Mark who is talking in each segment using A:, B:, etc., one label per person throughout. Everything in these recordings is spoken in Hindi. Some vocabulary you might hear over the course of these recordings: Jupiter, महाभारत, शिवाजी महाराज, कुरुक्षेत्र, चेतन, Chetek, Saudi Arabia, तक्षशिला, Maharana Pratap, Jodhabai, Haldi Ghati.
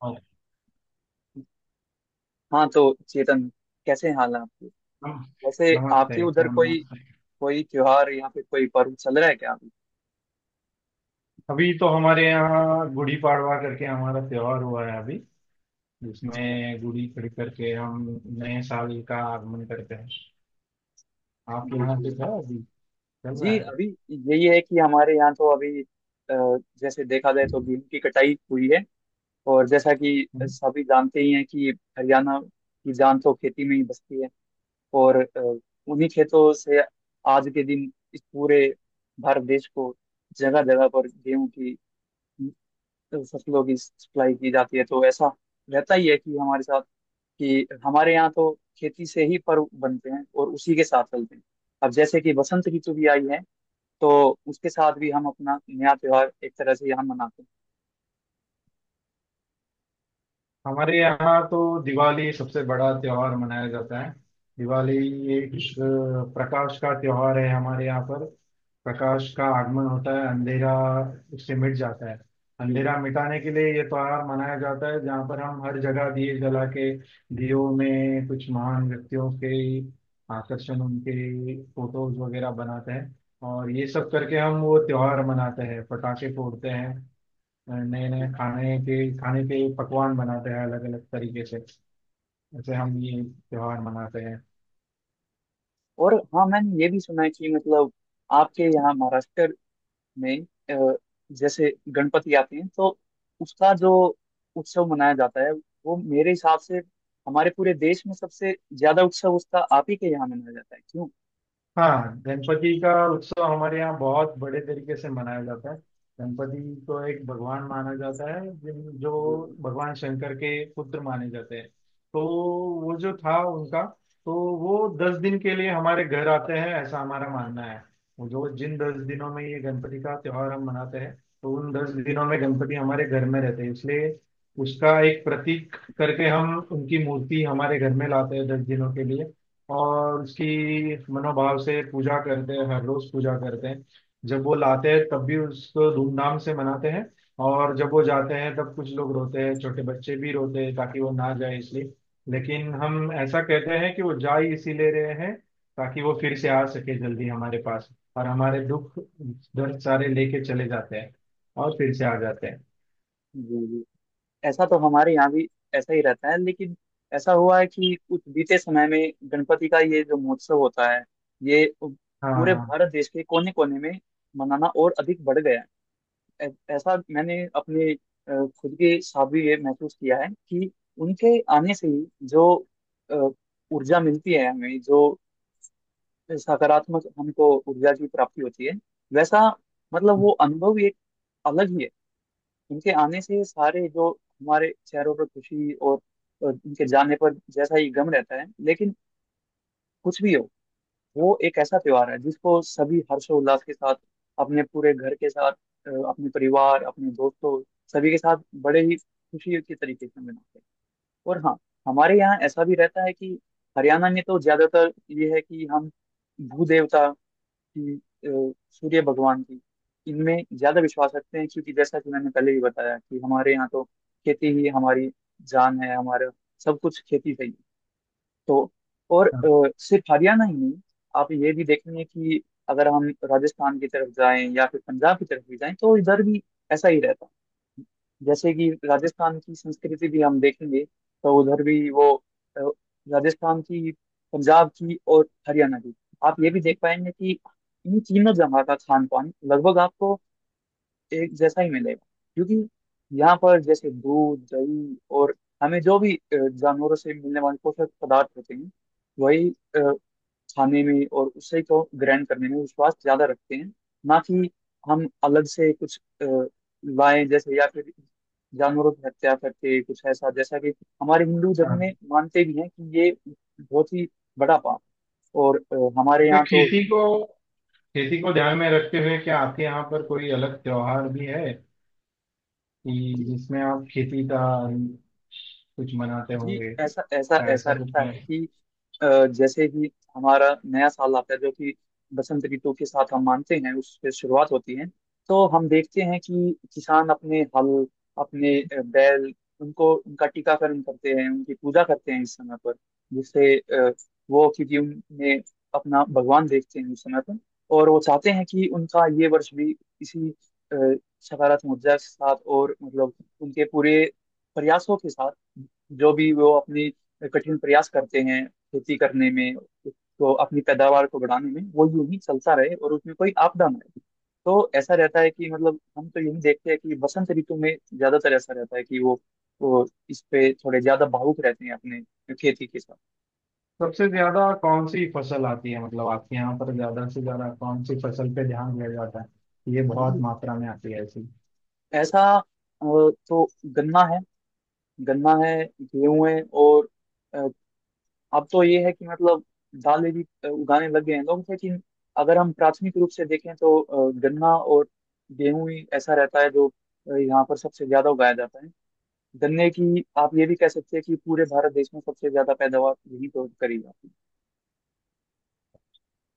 A: और
B: हाँ, तो चेतन, कैसे हाल है आपके?
A: नम-
B: वैसे
A: नमस्ते।
B: आपके उधर कोई
A: नमस्ते।
B: कोई त्योहार या फिर कोई पर्व चल रहा है क्या अभी?
A: अभी तो हमारे यहाँ गुड़ी पाड़वा करके हमारा त्योहार हुआ है अभी,
B: अच्छा।
A: जिसमें गुड़ी खड़ी करके हम नए साल का आगमन करते हैं। आपके
B: जी
A: यहाँ
B: जी
A: पे
B: जी।
A: था अभी, चल रहा
B: जी, अभी यही है कि हमारे यहाँ तो अभी जैसे देखा जाए तो गेहूं की कटाई हुई है। और जैसा कि
A: है?
B: सभी जानते ही हैं कि हरियाणा की जान तो खेती में ही बसती है। और उन्हीं खेतों से आज के दिन इस पूरे भारत देश को जगह जगह पर गेहूं की फसलों की सप्लाई की जाती है। तो ऐसा रहता ही है कि हमारे साथ, कि हमारे यहाँ तो खेती से ही पर्व बनते हैं और उसी के साथ चलते हैं। अब जैसे कि बसंत ऋतु भी आई है, तो उसके साथ भी हम अपना नया त्योहार एक तरह से यहाँ मनाते हैं।
A: हमारे यहाँ तो दिवाली सबसे बड़ा त्योहार मनाया जाता है। दिवाली एक प्रकाश का त्योहार है हमारे यहाँ पर। प्रकाश का आगमन होता है, अंधेरा उससे मिट जाता है।
B: जी
A: अंधेरा मिटाने के लिए ये त्योहार मनाया जाता है, जहाँ पर हम हर जगह दिए जला के दियों में कुछ महान व्यक्तियों के आकर्षण, उनके फोटोज वगैरह बनाते हैं। और ये सब करके हम वो त्योहार मनाते हैं, पटाखे फोड़ते हैं, नए
B: जी
A: नए खाने के पकवान बनाते हैं अलग अलग तरीके से, जैसे हम
B: जी।
A: ये त्योहार मनाते हैं।
B: और हाँ, मैंने ये भी सुना है कि मतलब आपके यहाँ महाराष्ट्र में अ, जैसे गणपति आते हैं, तो उसका जो उत्सव मनाया जाता है, वो मेरे हिसाब से हमारे पूरे देश में सबसे ज्यादा उत्सव उसका आप ही के यहाँ मनाया जाता है, क्यों?
A: हाँ, गणपति का उत्सव हमारे यहाँ बहुत बड़े तरीके से मनाया जाता है। गणपति को एक भगवान माना जाता है जो
B: जी
A: भगवान शंकर के पुत्र माने जाते हैं। तो वो जो था उनका, तो वो 10 दिन के लिए हमारे घर आते हैं, ऐसा हमारा मानना है। वो जो जिन 10 दिनों में ये गणपति का त्योहार हम मनाते हैं, तो उन 10 दिनों में गणपति हमारे घर में रहते हैं, इसलिए उसका एक प्रतीक करके हम उनकी मूर्ति हमारे घर में लाते हैं 10 दिनों के लिए। और उसकी मनोभाव से पूजा करते हैं, हर रोज पूजा करते हैं। जब वो लाते हैं तब भी उसको धूमधाम से मनाते हैं, और जब वो जाते हैं तब कुछ लोग रोते हैं, छोटे बच्चे भी रोते हैं ताकि वो ना जाए इसलिए। लेकिन हम ऐसा कहते हैं कि वो जा ही इसीलिए रहे हैं, ताकि वो फिर से आ सके जल्दी हमारे पास, और हमारे दुख दर्द सारे लेके चले जाते हैं और फिर से आ जाते हैं।
B: जी जी। ऐसा तो हमारे यहाँ भी ऐसा ही रहता है, लेकिन ऐसा हुआ है कि कुछ बीते समय में गणपति का ये जो महोत्सव होता है, ये
A: हाँ
B: पूरे
A: हाँ।
B: भारत देश के कोने कोने में मनाना और अधिक बढ़ गया है। ऐसा मैंने अपने अ, खुद के साथ भी ये महसूस किया है कि उनके आने से ही जो अ, ऊर्जा मिलती है हमें, जो सकारात्मक हमको ऊर्जा की प्राप्ति होती है, वैसा मतलब वो अनुभव ही एक अलग ही है। उनके आने से सारे जो हमारे चेहरों पर खुशी और उनके जाने पर जैसा ही गम रहता है, लेकिन कुछ भी हो, वो एक ऐसा त्योहार है जिसको सभी हर्षोल्लास के साथ, अपने पूरे घर के साथ, अपने परिवार, अपने दोस्तों, सभी के साथ बड़े ही खुशी के तरीके से मनाते हैं। और हाँ, हमारे यहाँ ऐसा भी रहता है कि हरियाणा में तो ज्यादातर ये है कि हम भू देवता की, सूर्य भगवान की, इनमें ज्यादा विश्वास रखते हैं, क्योंकि जैसा कि मैंने पहले ही बताया कि हमारे यहाँ तो खेती ही हमारी जान है, हमारा सब कुछ खेती से ही है। तो और
A: हाँ
B: सिर्फ हरियाणा ही नहीं, आप ये भी देखेंगे कि अगर हम राजस्थान की तरफ जाएं या फिर पंजाब की तरफ भी जाएं, तो इधर भी ऐसा ही रहता है। जैसे कि राजस्थान की संस्कृति भी हम देखेंगे तो उधर भी अ, राजस्थान की, पंजाब की और हरियाणा की, आप ये भी देख पाएंगे कि इन तीनों जगह का खान पान लगभग आपको एक जैसा ही मिलेगा। क्योंकि यहाँ पर जैसे दूध दही और हमें जो भी जानवरों से मिलने वाले पोषक पदार्थ होते हैं, वही अ, खाने में और उसे को ग्रहण करने में विश्वास ज्यादा रखते हैं। ना कि हम अलग से कुछ लाएं, जैसे या फिर जानवरों की हत्या करके कुछ ऐसा, जैसा कि हमारे हिंदू धर्म
A: हाँ।
B: में मानते भी हैं कि ये बहुत ही बड़ा पाप। और हमारे
A: क्या
B: यहाँ तो
A: खेती को ध्यान में रखते हुए क्या आपके यहाँ पर कोई अलग त्योहार भी है, कि जिसमें आप खेती का कुछ मनाते
B: जी
A: होंगे,
B: ऐसा ऐसा
A: क्या
B: ऐसा
A: ऐसा कुछ
B: रहता
A: है?
B: है कि जैसे ही हमारा नया साल आता है, जो कि बसंत ऋतु के साथ हम मानते हैं, उससे शुरुआत होती है। तो हम देखते हैं कि किसान अपने हल, अपने बैल, उनको उनका टीकाकरण करते हैं, उनकी पूजा करते हैं इस समय पर, जिससे वो क्योंकि उनमें अपना भगवान देखते हैं उस समय पर। और वो चाहते हैं कि उनका ये वर्ष भी इसी सकारात्मक ऊर्जा के साथ और मतलब उनके पूरे प्रयासों के साथ, जो भी वो अपनी कठिन प्रयास करते हैं खेती करने में, तो अपनी पैदावार को बढ़ाने में, वो यूं ही चलता रहे और उसमें कोई आपदा ना आए। तो ऐसा रहता है कि मतलब हम तो यही देखते हैं कि बसंत ऋतु में ज्यादातर ऐसा रहता है कि वो इस पे थोड़े ज्यादा भावुक रहते हैं अपने खेती के साथ।
A: सबसे ज्यादा कौन सी फसल आती है, मतलब आपके यहाँ पर ज्यादा से ज्यादा कौन सी फसल पे ध्यान दिया जाता है? ये बहुत
B: जी।
A: मात्रा में आती है ऐसी।
B: ऐसा तो गन्ना है गन्ना है, गेहूं है और अब तो ये है कि मतलब दालें भी उगाने लग गए हैं लोग, लेकिन अगर हम प्राथमिक रूप से देखें तो गन्ना और गेहूं ही ऐसा रहता है जो यहाँ पर सबसे ज्यादा उगाया जाता है। गन्ने की आप ये भी कह सकते हैं कि पूरे भारत देश में सबसे ज्यादा पैदावार यही तो करी जाती है।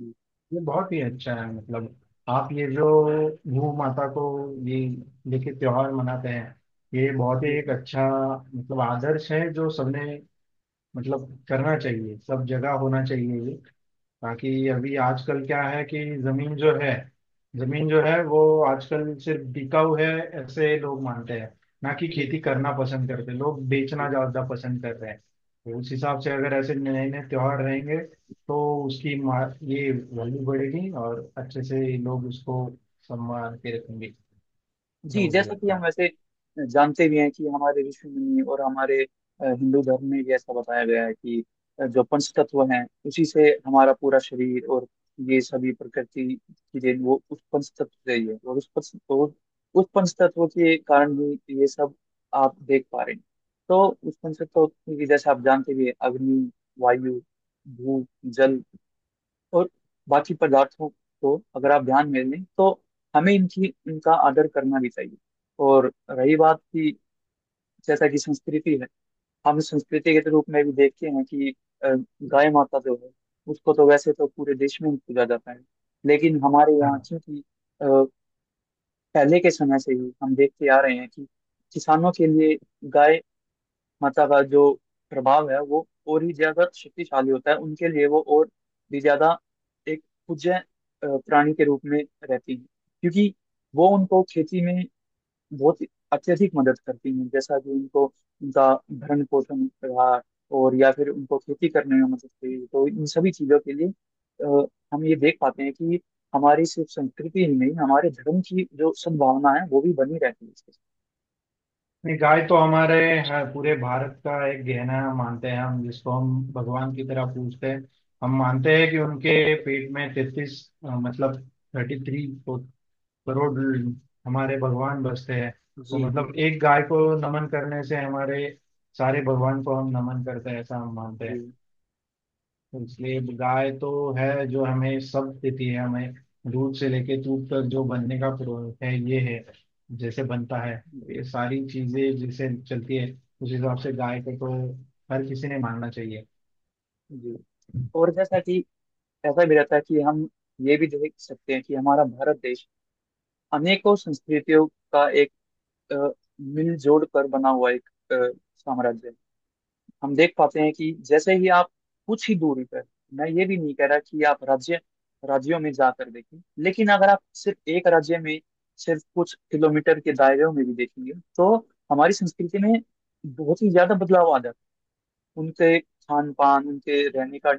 B: जी
A: ये बहुत ही अच्छा है, मतलब आप ये जो भू माता को ये लेके त्योहार मनाते हैं, ये बहुत ही एक
B: जी
A: अच्छा मतलब आदर्श है, जो सबने मतलब करना चाहिए, सब जगह होना चाहिए ये, ताकि अभी आजकल क्या है कि जमीन जो है, जमीन जो है वो आजकल सिर्फ बिकाऊ है, ऐसे लोग मानते हैं। ना कि
B: जी
A: खेती
B: जी जी
A: करना पसंद करते, लोग बेचना
B: जी।
A: ज्यादा पसंद कर रहे हैं, तो उस हिसाब से अगर ऐसे नए नए त्योहार रहेंगे तो उसकी ये वैल्यू बढ़ेगी और अच्छे से लोग उसको सम्मान के रखेंगे, ऐसा
B: जी,
A: मुझे
B: जैसा कि
A: लगता
B: हम
A: है।
B: वैसे जानते भी हैं कि हमारे ऋषि मुनि और हमारे हिंदू धर्म में भी ऐसा बताया गया है कि जो पंच तत्व हैं, उसी से हमारा पूरा शरीर और ये सभी प्रकृति की देन वो उस पंच तत्व से ही है। और उस पंच तत्व के कारण ही ये सब आप देख पा रहे हैं। तो उस पंच तत्व की, जैसे आप जानते भी हैं, अग्नि, वायु, भूप, जल और बाकी पदार्थों को अगर आप ध्यान में लें, तो हमें इनकी इनका आदर करना भी चाहिए। और रही बात की, जैसा कि संस्कृति है, हम संस्कृति के रूप में भी देखते हैं कि अ, गाय माता जो है, उसको तो वैसे तो पूरे देश में ही पूजा जाता है, लेकिन हमारे यहाँ
A: हाँ।
B: चूंकि अ, पहले के समय से ही हम देखते आ रहे हैं कि किसानों के लिए गाय माता का जो प्रभाव है वो और ही ज्यादा शक्तिशाली होता है उनके लिए, वो और भी ज्यादा एक पूज्य प्राणी के रूप में रहती है। क्योंकि वो उनको खेती में बहुत ही अत्यधिक मदद करती हैं, जैसा कि उनको उनका भरण पोषण रहा और या फिर उनको खेती करने में मदद करी, तो इन सभी चीजों के लिए अ, हम ये देख पाते हैं कि हमारी सिर्फ संस्कृति ही नहीं, हमारे धर्म की जो सद्भावना है वो भी बनी रहती है इसके साथ।
A: नहीं, गाय तो हमारे हाँ, पूरे भारत का एक गहना मानते हैं हम, जिसको हम भगवान की तरह पूजते हैं। हम मानते हैं कि उनके पेट में 33, मतलब 33 करोड़ हमारे भगवान बसते हैं। तो
B: जी जी
A: मतलब एक गाय को नमन करने से हमारे सारे भगवान को हम नमन करते हैं, ऐसा हम मानते
B: जी
A: हैं। इसलिए गाय तो है जो हमें सब देती है हमें, दूध से लेके दूध तक जो बनने का प्रो है ये है, जैसे बनता है,
B: जी
A: ये सारी चीजें जैसे चलती है, उस हिसाब से गाय को तो हर किसी ने मानना चाहिए।
B: जी। और जैसा कि ऐसा भी रहता है कि हम ये भी देख सकते हैं कि हमारा भारत देश अनेकों संस्कृतियों का एक अ, मिलजोल कर बना हुआ एक साम्राज्य है। हम देख पाते हैं कि जैसे ही आप कुछ ही दूरी पर, मैं ये भी नहीं कह रहा कि आप राज्यों में जाकर देखें, लेकिन अगर आप सिर्फ एक राज्य में सिर्फ कुछ किलोमीटर के दायरे में भी देखेंगे, तो हमारी संस्कृति में बहुत ही ज्यादा बदलाव आ जाता है। उनके खान पान, उनके रहने का,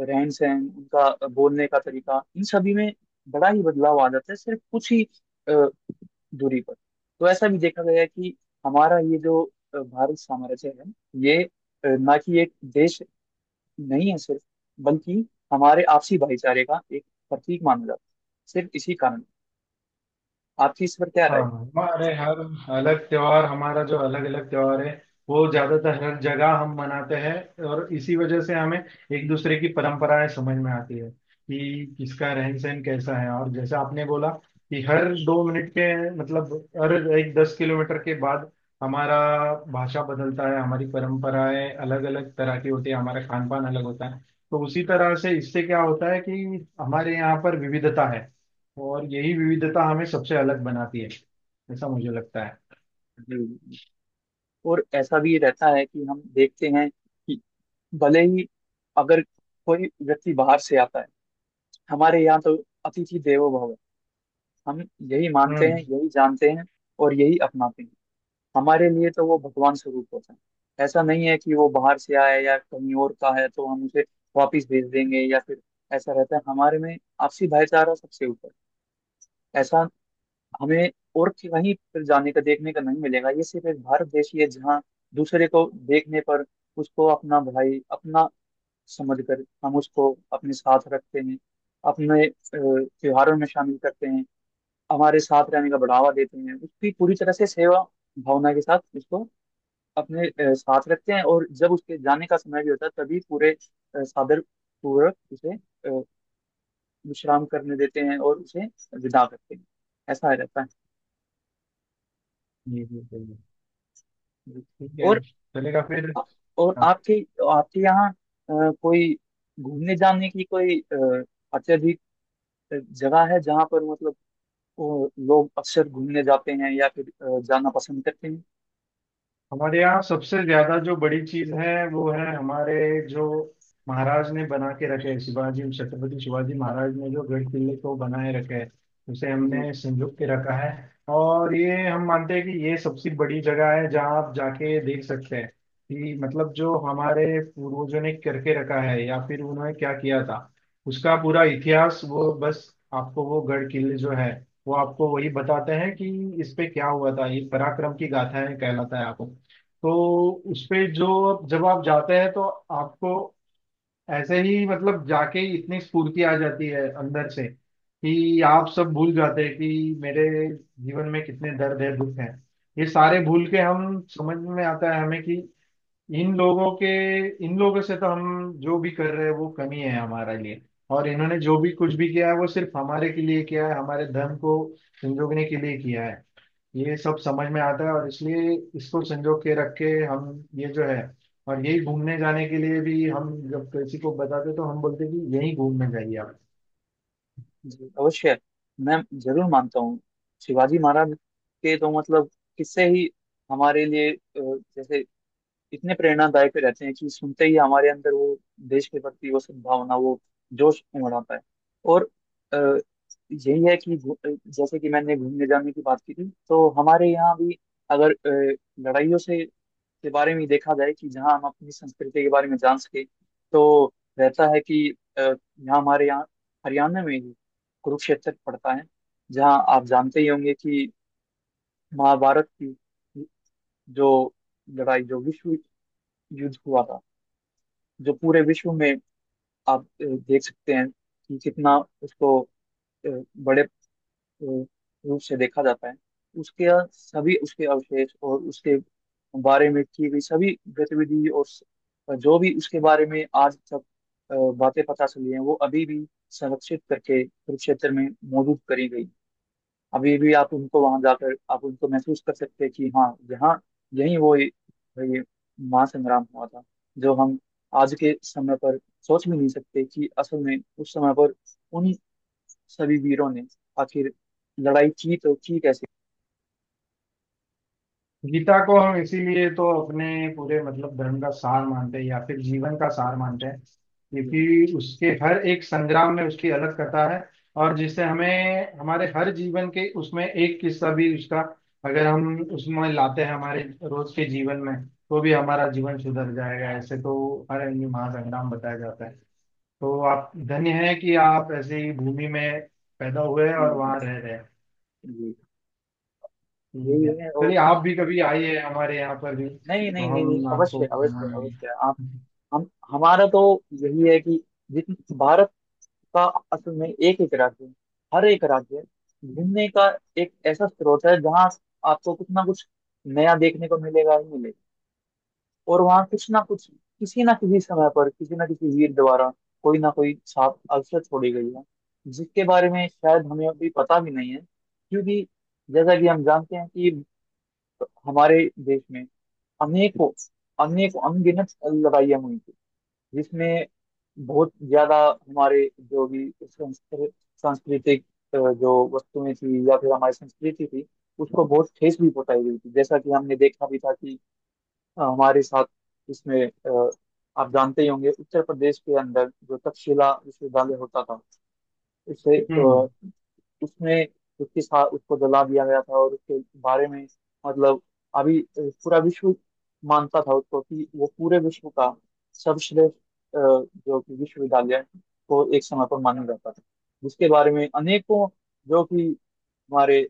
B: रहन सहन, उनका बोलने का तरीका, इन सभी में बड़ा ही बदलाव आ जाता है सिर्फ कुछ ही अ, दूरी पर। तो ऐसा भी देखा गया है कि हमारा ये जो भारत साम्राज्य है, ये ना कि एक देश नहीं है सिर्फ, बल्कि हमारे आपसी भाईचारे का एक प्रतीक माना जाता है, सिर्फ इसी कारण। आपकी इस पर क्या राय
A: हाँ,
B: है?
A: हमारे हर अलग त्योहार, हमारा जो अलग अलग त्योहार है वो ज्यादातर हर जगह हम मनाते हैं, और इसी वजह से हमें एक दूसरे की परंपराएं समझ में आती है कि किसका रहन सहन कैसा है। और जैसे आपने बोला कि हर 2 मिनट के मतलब हर एक 10 किलोमीटर के बाद हमारा भाषा बदलता है, हमारी परंपराएं अलग अलग तरह की होती है, हमारा खान पान अलग होता है। तो उसी तरह से इससे क्या होता है कि हमारे यहाँ पर विविधता है, और यही विविधता हमें सबसे अलग बनाती है, ऐसा मुझे लगता है।
B: जी। और ऐसा भी रहता है कि हम देखते हैं कि भले ही, अगर कोई व्यक्ति बाहर से आता है, हमारे यहाँ तो अतिथि देवो भव है। हम यही मानते
A: हम्म।
B: हैं, यही जानते हैं और यही अपनाते हैं। हमारे लिए तो वो भगवान स्वरूप होता है, ऐसा नहीं है कि वो बाहर से आया है या कहीं और का है तो हम उसे वापिस भेज देंगे या फिर। ऐसा रहता है हमारे में आपसी भाईचारा सबसे ऊपर, ऐसा हमें और कहीं पर जाने का देखने का नहीं मिलेगा। ये सिर्फ एक भारत देश ही है जहाँ दूसरे को देखने पर उसको अपना भाई अपना समझ कर हम उसको अपने साथ रखते हैं, अपने त्योहारों में शामिल करते हैं, हमारे साथ रहने का बढ़ावा देते हैं, उसकी पूरी तरह से सेवा भावना के साथ उसको अपने साथ रखते हैं, और जब उसके जाने का समय भी होता है तभी पूरे सादर पूर्वक उसे अ, विश्राम करने देते हैं और उसे विदा करते हैं। ऐसा रहता है।
A: ये भी सही है।
B: जी।
A: ठीक है,
B: और
A: चलेगा फिर।
B: और
A: हाँ,
B: आपके आपके यहाँ कोई घूमने जाने की कोई अत्यधिक जगह है जहाँ पर मतलब और लोग अक्सर घूमने जाते हैं या फिर जाना पसंद करते हैं?
A: हमारे यहाँ सबसे ज्यादा जो बड़ी चीज है वो है हमारे जो महाराज ने बना के रखे हैं, शिवाजी, छत्रपति शिवाजी महाराज ने जो गढ़ किले को बनाए रखे है, उसे
B: जी
A: हमने संजो के रखा है। और ये हम मानते हैं कि ये सबसे बड़ी जगह है जहाँ आप जाके देख सकते हैं कि मतलब जो हमारे पूर्वजों ने करके रखा है या फिर उन्होंने क्या किया था, उसका पूरा इतिहास वो बस आपको वो गढ़ किले जो है वो आपको वही बताते हैं कि इस पे क्या हुआ था, ये पराक्रम की गाथाएं कहलाता है आपको। तो उसपे जो अब जब आप जाते हैं तो आपको ऐसे ही मतलब जाके ही इतनी स्फूर्ति आ जाती है अंदर से, कि आप सब भूल जाते हैं कि मेरे जीवन में कितने दर्द है दुख है, ये सारे भूल के हम समझ में आता है हमें कि इन लोगों के, इन लोगों से तो हम जो भी कर रहे हैं वो कमी है हमारे लिए। और इन्होंने जो भी कुछ भी किया है वो सिर्फ हमारे के लिए किया है, हमारे धर्म को संजोगने के लिए किया है, ये सब समझ में आता है। और इसलिए इसको संजो के रख के हम ये जो है, और यही घूमने जाने के लिए भी हम जब किसी को बताते तो हम बोलते कि यही घूमने जाइए आप।
B: जी, अवश्य। मैं जरूर मानता हूँ। शिवाजी महाराज के तो मतलब किस्से ही हमारे लिए जैसे इतने प्रेरणादायक रहते हैं कि सुनते ही हमारे अंदर वो देश के प्रति वो सद्भावना, वो जोश उमड़ आता है। और अ, यही है कि जैसे कि मैंने घूमने जाने की बात की थी, तो हमारे यहाँ भी, अगर लड़ाइयों से के बारे में देखा जाए कि जहाँ हम अपनी संस्कृति के बारे में जान सके तो रहता है कि यहाँ हमारे यहाँ हरियाणा में ही कुरुक्षेत्र पड़ता है, जहाँ आप जानते ही होंगे कि महाभारत की जो लड़ाई, जो विश्व युद्ध हुआ था, जो पूरे विश्व में आप देख सकते हैं कि कितना उसको अ, बड़े रूप से देखा जाता है। उसके सभी, उसके अवशेष और उसके बारे में की गई सभी गतिविधि और जो भी उसके बारे में आज तक बातें पता चली हैं वो अभी भी संरक्षित करके कुरुक्षेत्र में मौजूद करी गई। अभी भी आप उनको वहां जाकर आप उनको महसूस कर सकते हैं कि हाँ, यहाँ यही वो ये महासंग्राम हुआ था, जो हम आज के समय पर सोच भी नहीं सकते कि असल में उस समय पर उन सभी वीरों ने आखिर लड़ाई की तो की कैसे।
A: गीता को हम इसीलिए तो अपने पूरे मतलब धर्म का सार मानते हैं या फिर जीवन का सार मानते हैं,
B: जी
A: क्योंकि उसके हर एक संग्राम में उसकी अलग कथा है, और जिससे हमें हमारे हर जीवन के उसमें एक किस्सा भी उसका अगर हम उसमें लाते हैं हमारे रोज के जीवन में, तो भी हमारा जीवन सुधर जाएगा। ऐसे तो हर हिंदू महासंग्राम बताया जाता है। तो आप धन्य है कि आप ऐसी भूमि में पैदा हुए
B: जी
A: और
B: जी
A: वहां रह रहे हैं।
B: जी,
A: ठीक है,
B: यही है। और
A: चलिए आप भी कभी आइए, हमारे यहाँ पर भी
B: नहीं
A: तो
B: नहीं नहीं नहीं,
A: हम आपको
B: अवश्य अवश्य
A: घुमाएंगे।
B: अवश्य। आप हम हमारा तो यही है कि जित भारत का असल में एक एक राज्य है। हर एक राज्य घूमने का एक ऐसा स्रोत है जहाँ आपको कुछ ना कुछ नया देखने को मिलेगा ही मिलेगा। और वहां कुछ ना कुछ, किसी ना किसी समय पर, किसी ना किसी वीर द्वारा, कोई ना कोई छाप अवश्य छोड़ी गई है, जिसके बारे में शायद हमें अभी पता भी नहीं है। क्योंकि जैसा कि हम जानते हैं कि हमारे देश में अनेकों अनेकों अनगिनत लड़ाइयां हुई थी, जिसमें बहुत ज्यादा हमारे जो भी सांस्कृतिक जो वस्तुएं थी या फिर हमारी संस्कृति थी, उसको बहुत ठेस भी पहुंचाई गई थी। जैसा कि हमने देखा भी था कि हमारे साथ इसमें आप जानते ही होंगे, उत्तर प्रदेश के अंदर जो तक्षशिला विश्वविद्यालय होता था, उससे
A: हम्म।
B: उसमें उसके साथ उसको जला दिया गया था। और उसके बारे में मतलब अभी पूरा विश्व मानता था उसको कि वो पूरे विश्व का सर्वश्रेष्ठ जो कि विश्वविद्यालय को एक समय पर माना जाता था, जिसके बारे में अनेकों, जो कि हमारे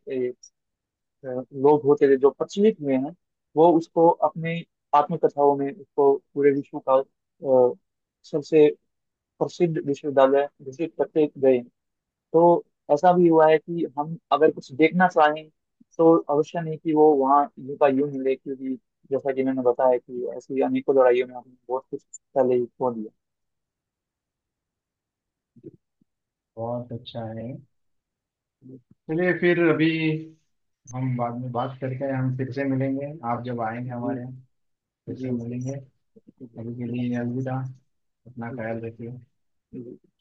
B: लोग होते थे जो प्रचलित हुए हैं, वो उसको अपने आत्मकथाओं में उसको पूरे विश्व का अ, सबसे प्रसिद्ध विश्वविद्यालय घोषित करते गए हैं। तो ऐसा भी हुआ है कि हम अगर कुछ देखना चाहें तो अवश्य नहीं कि वो वहाँ यूं का यूं मिले, क्योंकि जैसा कि मैंने बताया कि ऐसी अनेकों लड़ाइयों में हमने बहुत कुछ पहले ही खो दिया। जी
A: बहुत अच्छा है, चलिए फिर अभी हम बाद में बात करके हम फिर से मिलेंगे, आप जब आएंगे
B: जी
A: हमारे यहाँ फिर
B: जी
A: से
B: जी
A: मिलेंगे। अभी के
B: जी,
A: लिए
B: धन्यवाद।
A: अलविदा, अपना
B: जी
A: ख्याल रखिए।
B: जी।